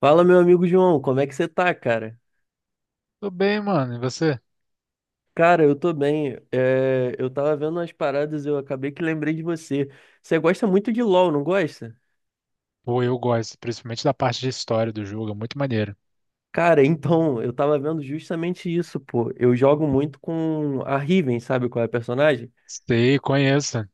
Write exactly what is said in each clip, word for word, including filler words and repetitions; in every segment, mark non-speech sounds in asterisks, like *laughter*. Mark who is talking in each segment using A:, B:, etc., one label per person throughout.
A: Fala, meu amigo João, como é que você tá, cara?
B: Tudo bem, mano. E você?
A: Cara, eu tô bem. É, eu tava vendo umas paradas e eu acabei que lembrei de você. Você gosta muito de LoL, não gosta?
B: Pô, eu gosto, principalmente da parte de história do jogo, é muito maneiro.
A: Cara, *laughs* então, eu tava vendo justamente isso, pô. Eu jogo muito com a Riven, sabe qual é a personagem?
B: Sei, conheço.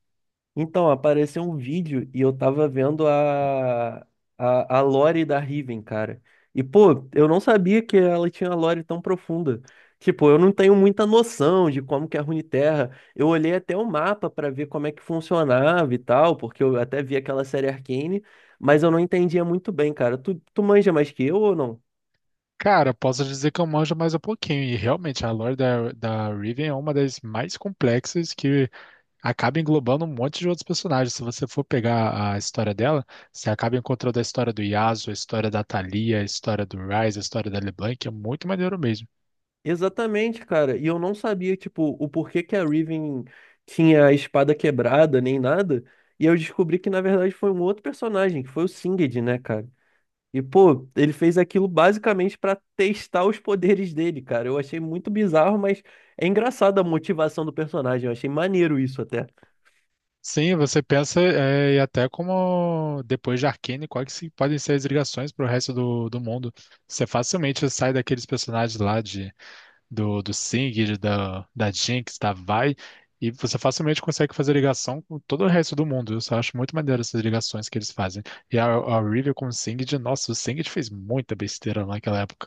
A: Então, apareceu um vídeo e eu tava vendo a, a, a lore da Riven, cara. E, pô, eu não sabia que ela tinha uma lore tão profunda. Tipo, eu não tenho muita noção de como que é a Runeterra. Eu olhei até o mapa pra ver como é que funcionava e tal, porque eu até vi aquela série Arcane, mas eu não entendia muito bem, cara. Tu, tu manja mais que eu ou não?
B: Cara, posso dizer que eu manjo mais um pouquinho, e realmente a lore da, da Riven é uma das mais complexas que acaba englobando um monte de outros personagens. Se você for pegar a história dela, você acaba encontrando a história do Yasuo, a história da Thalia, a história do Ryze, a história da LeBlanc, é muito maneiro mesmo.
A: Exatamente, cara. E eu não sabia, tipo, o porquê que a Riven tinha a espada quebrada, nem nada. E eu descobri que, na verdade, foi um outro personagem, que foi o Singed, né, cara? E, pô, ele fez aquilo basicamente pra testar os poderes dele, cara. Eu achei muito bizarro, mas é engraçado a motivação do personagem. Eu achei maneiro isso até.
B: Sim, você pensa, é, e até como depois de Arcane, quais que se- podem ser as ligações para o resto do, do mundo? Você facilmente sai daqueles personagens lá de, do, do Singed, da, da Jinx, da Vi, e você facilmente consegue fazer ligação com todo o resto do mundo. Eu só acho muito maneiro essas ligações que eles fazem. E a, a Riven com o Singed, nossa, o Singed fez muita besteira naquela época.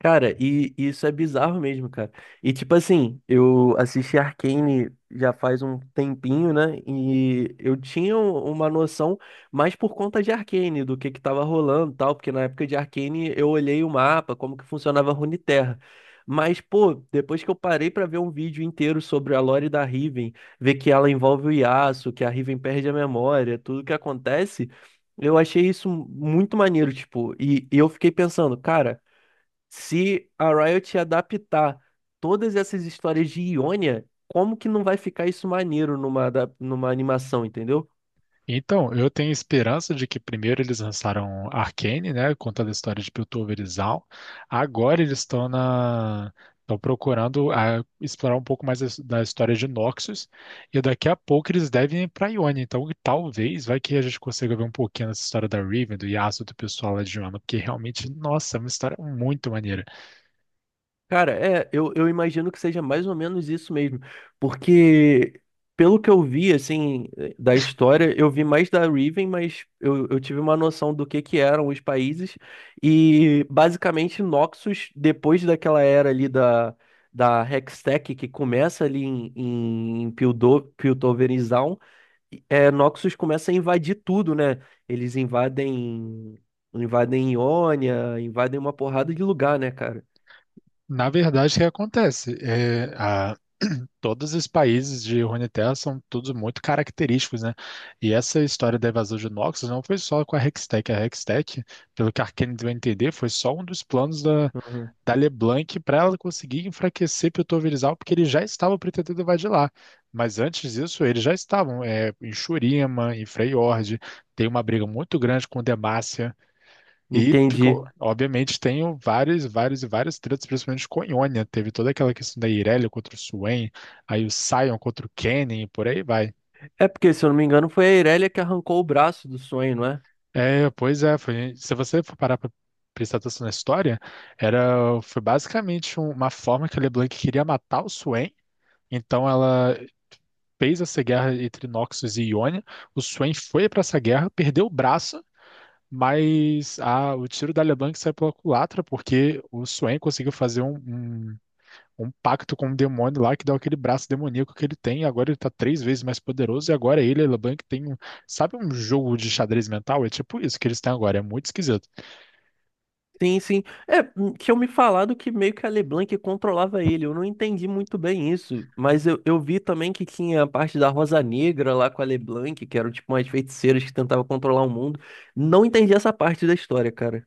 A: Cara, e e isso é bizarro mesmo, cara. E tipo assim, eu assisti Arcane já faz um tempinho, né? E eu tinha um- uma noção mais por conta de Arcane, do que que tava rolando e tal, porque na época de Arcane eu olhei o mapa, como que funcionava a Runeterra. Mas, pô, depois que eu parei pra ver um vídeo inteiro sobre a lore da Riven, ver que ela envolve o Yasuo, que a Riven perde a memória, tudo que acontece, eu achei isso muito maneiro, tipo, e e eu fiquei pensando, cara. Se a Riot adaptar todas essas histórias de Ionia, como que não vai ficar isso maneiro numa, adap- numa animação, entendeu?
B: Então, eu tenho esperança de que primeiro eles lançaram Arcane, né, contando a história de Piltover e Zaun. Agora eles estão na estão procurando ah, explorar um pouco mais as- da história de Noxus e daqui a pouco eles devem ir para Ionia. Então, talvez vai que a gente consiga ver um pouquinho dessa história da Riven, do Yasuo, do pessoal lá de Ionia, porque realmente, nossa, é uma história muito maneira.
A: Cara, é, eu, eu imagino que seja mais ou menos isso mesmo. Porque, pelo que eu vi, assim, eh, da história, eu vi mais da Riven, mas eu, eu tive uma noção do que que eram os países. E, basicamente, Noxus, depois daquela era ali da, da Hextech, que começa ali em, em Piltover, é, Noxus começa a invadir tudo, né? Eles invadem, invadem Ionia, invadem uma porrada de lugar, né, cara?
B: Na verdade, o que acontece? É, a- *clears throat* todos os países de Runeterra são todos muito característicos, né? E essa história da invasão de Noxus não foi só com a Hextech. A Hextech, pelo que a Arcane vai entender, foi só um dos planos da,
A: Aham.
B: da LeBlanc para ela conseguir enfraquecer Piltoverizal, porque eles já estavam pretendendo invadir lá. Mas antes disso, eles já estavam é, em Shurima, em Freyord, tem uma briga muito grande com Demacia. E, ficou-
A: Entendi.
B: obviamente, tenho vários, vários e vários tretas, principalmente com Ionia. Teve toda aquela questão da Irelia contra o Swain, aí o Sion contra o Kenny e por aí vai.
A: É porque, se eu não me engano, foi a Irelia que arrancou o braço do sonho, não é?
B: É, pois é, foi- se você for parar pra prestar atenção na história, era, foi basicamente um- uma forma que a LeBlanc queria matar o Swain, então ela fez essa guerra entre Noxus e Ionia, o Swain foi pra essa guerra, perdeu o braço, mas a- o tiro da LeBlanc saiu pela culatra, porque o Swain conseguiu fazer um, um- um pacto com um demônio lá que dá aquele braço demoníaco que ele tem. Agora ele tá três vezes mais poderoso e agora ele, Elobank, tem um. Sabe um jogo de xadrez mental? É tipo isso que eles têm agora. É muito esquisito.
A: Sim, sim. É, hum, tinham me falado que meio que a LeBlanc controlava ele. Eu não entendi muito bem isso. Mas eu, eu vi também que tinha a parte da Rosa Negra lá com a LeBlanc, que eram tipo umas feiticeiras que tentavam controlar o mundo. Não entendi essa parte da história, cara.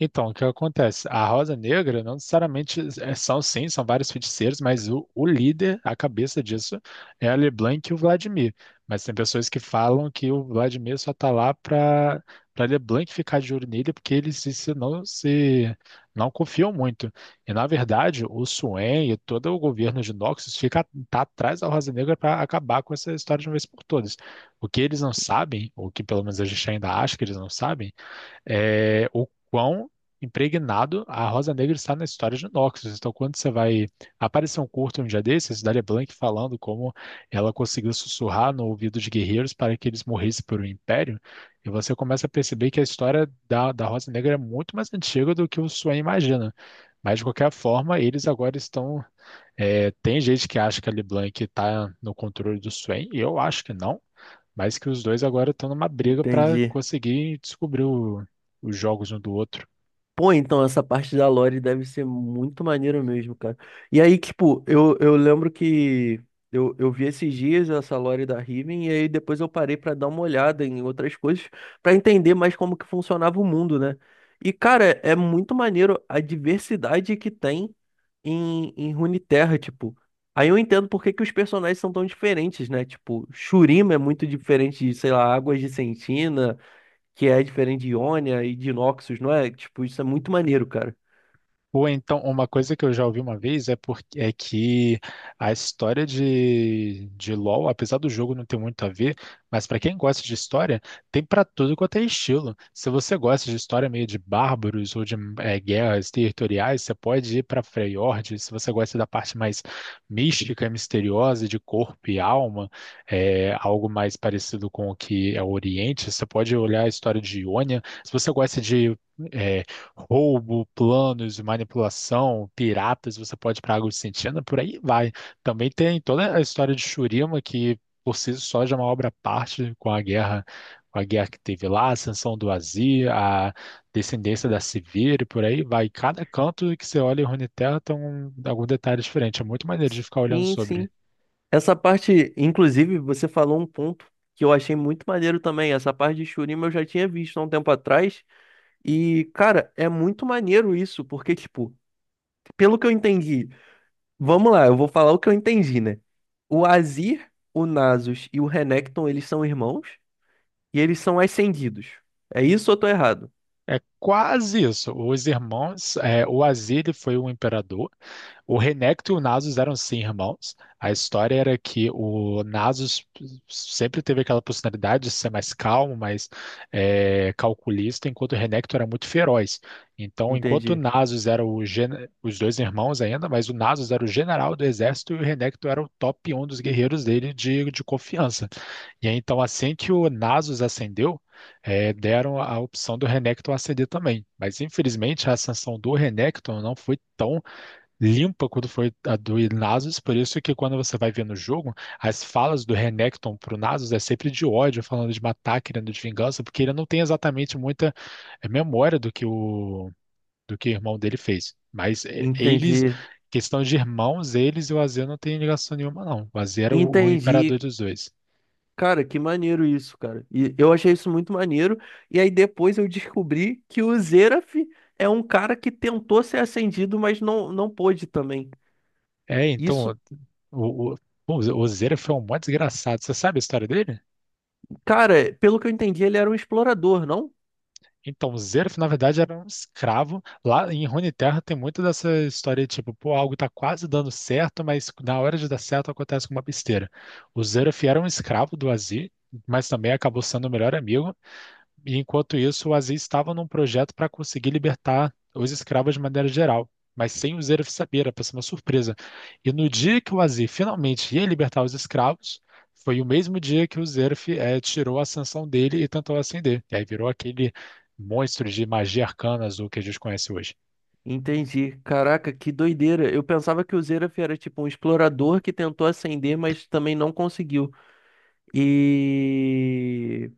B: Então, o que acontece? A Rosa Negra não necessariamente é- são, sim, são vários feiticeiros, mas o, o líder, a cabeça disso, é a LeBlanc e o Vladimir. Mas tem pessoas que falam que o Vladimir só tá lá para para LeBlanc ficar de olho nele, porque eles se, se não se não confiam muito. E na verdade, o Suen e todo o governo de Noxus fica tá atrás da Rosa Negra para acabar com essa história de uma vez por todas. O que eles não sabem, ou que pelo menos a gente ainda acha que eles não sabem é, o quão impregnado a Rosa Negra está na história de Noxus. Então, quando você vai aparecer um curto um dia desses, Daria Blanc falando como ela conseguiu sussurrar no ouvido de guerreiros para que eles morressem por um império, e você começa a perceber que a história da, da Rosa Negra é muito mais antiga do que o Swain imagina. Mas, de qualquer forma, eles agora estão. É, tem gente que acha que a LeBlanc está no controle do Swain, eu acho que não. Mas que os dois agora estão numa briga para
A: Entendi.
B: conseguir descobrir o- os jogos um do outro.
A: Pô, então essa parte da lore deve ser muito maneiro mesmo, cara. E aí, tipo, eu, eu lembro que eu, eu vi esses dias essa lore da Riven, e aí depois eu parei pra dar uma olhada em outras coisas, pra entender mais como que funcionava o mundo, né? E, cara, é muito maneiro a diversidade que tem em, em Runeterra, tipo. Aí eu entendo por que que os personagens são tão diferentes, né? Tipo, Shurima é muito diferente de, sei lá, Águas de Sentina que é diferente de Ionia e de Noxus, não é? Tipo, isso é muito maneiro, cara.
B: Ou então, uma coisa que eu já ouvi uma vez é, porque, é que a história de, de LoL, apesar do jogo não ter muito a ver, mas para quem gosta de história, tem para tudo quanto é estilo. Se você gosta de história meio de bárbaros ou de eh, guerras territoriais, você pode ir para Freyord. Se você gosta da parte mais mística e misteriosa de corpo e alma, é, algo mais parecido com o que é o Oriente, você pode olhar a história de Ionia. Se você gosta de eh, roubo, planos, de manipulação, piratas, você pode ir para a Água Sentina, por aí vai. Também tem toda a história de Shurima, que por si só já é uma obra à parte com a guerra, com a guerra que teve lá, a ascensão do Azir, a descendência da Sivir, e por aí vai. Cada canto que você olha em Runeterra tem um, algum detalhe diferente. É muito maneiro de ficar olhando
A: Sim,
B: sobre.
A: sim. Essa parte, inclusive, você falou um ponto que eu achei muito maneiro também. Essa parte de Shurima eu já tinha visto há um tempo atrás. E, cara, é muito maneiro isso, porque, tipo, pelo que eu entendi, vamos lá, eu vou falar o que eu entendi, né? O Azir, o Nasus e o Renekton, eles são irmãos e eles são ascendidos. É isso ou eu tô errado?
B: É quase isso. Os irmãos, é, o Azir foi um imperador. O Renekton e o Nasus eram sim irmãos. A história era que o Nasus sempre teve aquela personalidade de ser mais calmo, mais é, calculista, enquanto o Renekton era muito feroz. Então, enquanto o
A: Entendi.
B: Nasus era o gen- os dois irmãos ainda, mas o Nasus era o general do exército e o Renekton era o top um dos guerreiros dele de, de confiança. E aí, então, assim que o Nasus acendeu, eh, deram a opção do Renekton acender também. Mas, infelizmente, a ascensão do Renekton não foi tão limpa quanto foi a do Nasus. Por isso que, quando você vai ver no jogo, as falas do Renekton pro Nasus é sempre de ódio, falando de matar, querendo de vingança, porque ele não tem exatamente muita eh, memória do que o, do que o irmão dele fez. Mas eh, eles...
A: Entendi.
B: Questão de irmãos, eles e o Azir não tem ligação nenhuma, não. O Azir era o, o imperador
A: Entendi.
B: dos dois.
A: Cara, que maneiro isso, cara. E eu achei isso muito maneiro. E aí depois eu descobri que o Xerath é um cara que tentou ser ascendido, mas não, não pôde também.
B: É, então,
A: Isso,
B: o, o, bom, o Zeref é um mó desgraçado. Você sabe a história dele?
A: cara, pelo que eu entendi, ele era um explorador, não?
B: Então, o Zeref, na verdade, era um escravo. Lá em Runeterra tem muito dessa história, tipo, pô, algo tá quase dando certo, mas na hora de dar certo acontece com uma besteira. O Zeref era um escravo do Azir, mas também acabou sendo o melhor amigo. E enquanto isso, o Aziz estava num projeto para conseguir libertar os escravos de maneira geral, mas sem o Zeref saber, era para ser uma surpresa. E no dia que o Aziz finalmente ia libertar os escravos, foi o mesmo dia que o Zeref eh, tirou a sanção dele e tentou acender. E aí virou aquele monstro de magia arcana azul que a gente conhece hoje.
A: Entendi. Caraca, que doideira. Eu pensava que o Xerath era tipo um explorador que tentou ascender, mas também não conseguiu. E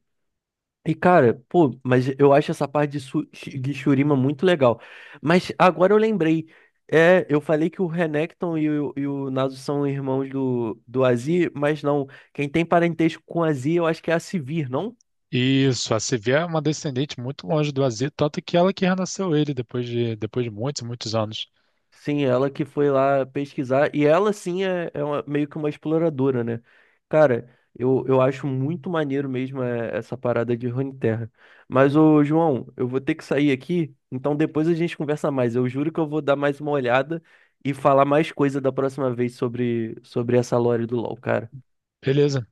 A: E cara, pô, mas eu acho essa parte de, su- de Shurima muito legal. Mas agora eu lembrei, é, eu falei que o Renekton e o, e o Naso são irmãos do, do Azir, mas não, quem tem parentesco com o Azir eu acho que é a Sivir, não?
B: Isso, a Sevilla é uma descendente muito longe do Aziz, tanto que ela que renasceu ele depois de, depois de muitos, muitos anos.
A: Sim, ela que foi lá pesquisar. E ela, sim, é, é uma- meio que uma exploradora, né? Cara, eu, eu acho muito maneiro mesmo é, essa parada de Runeterra. Mas, ô, João, eu vou ter que sair aqui. Então, depois a gente conversa mais. Eu juro que eu vou dar mais uma olhada e falar mais coisa da próxima vez sobre, sobre essa lore do LoL, cara.
B: Beleza.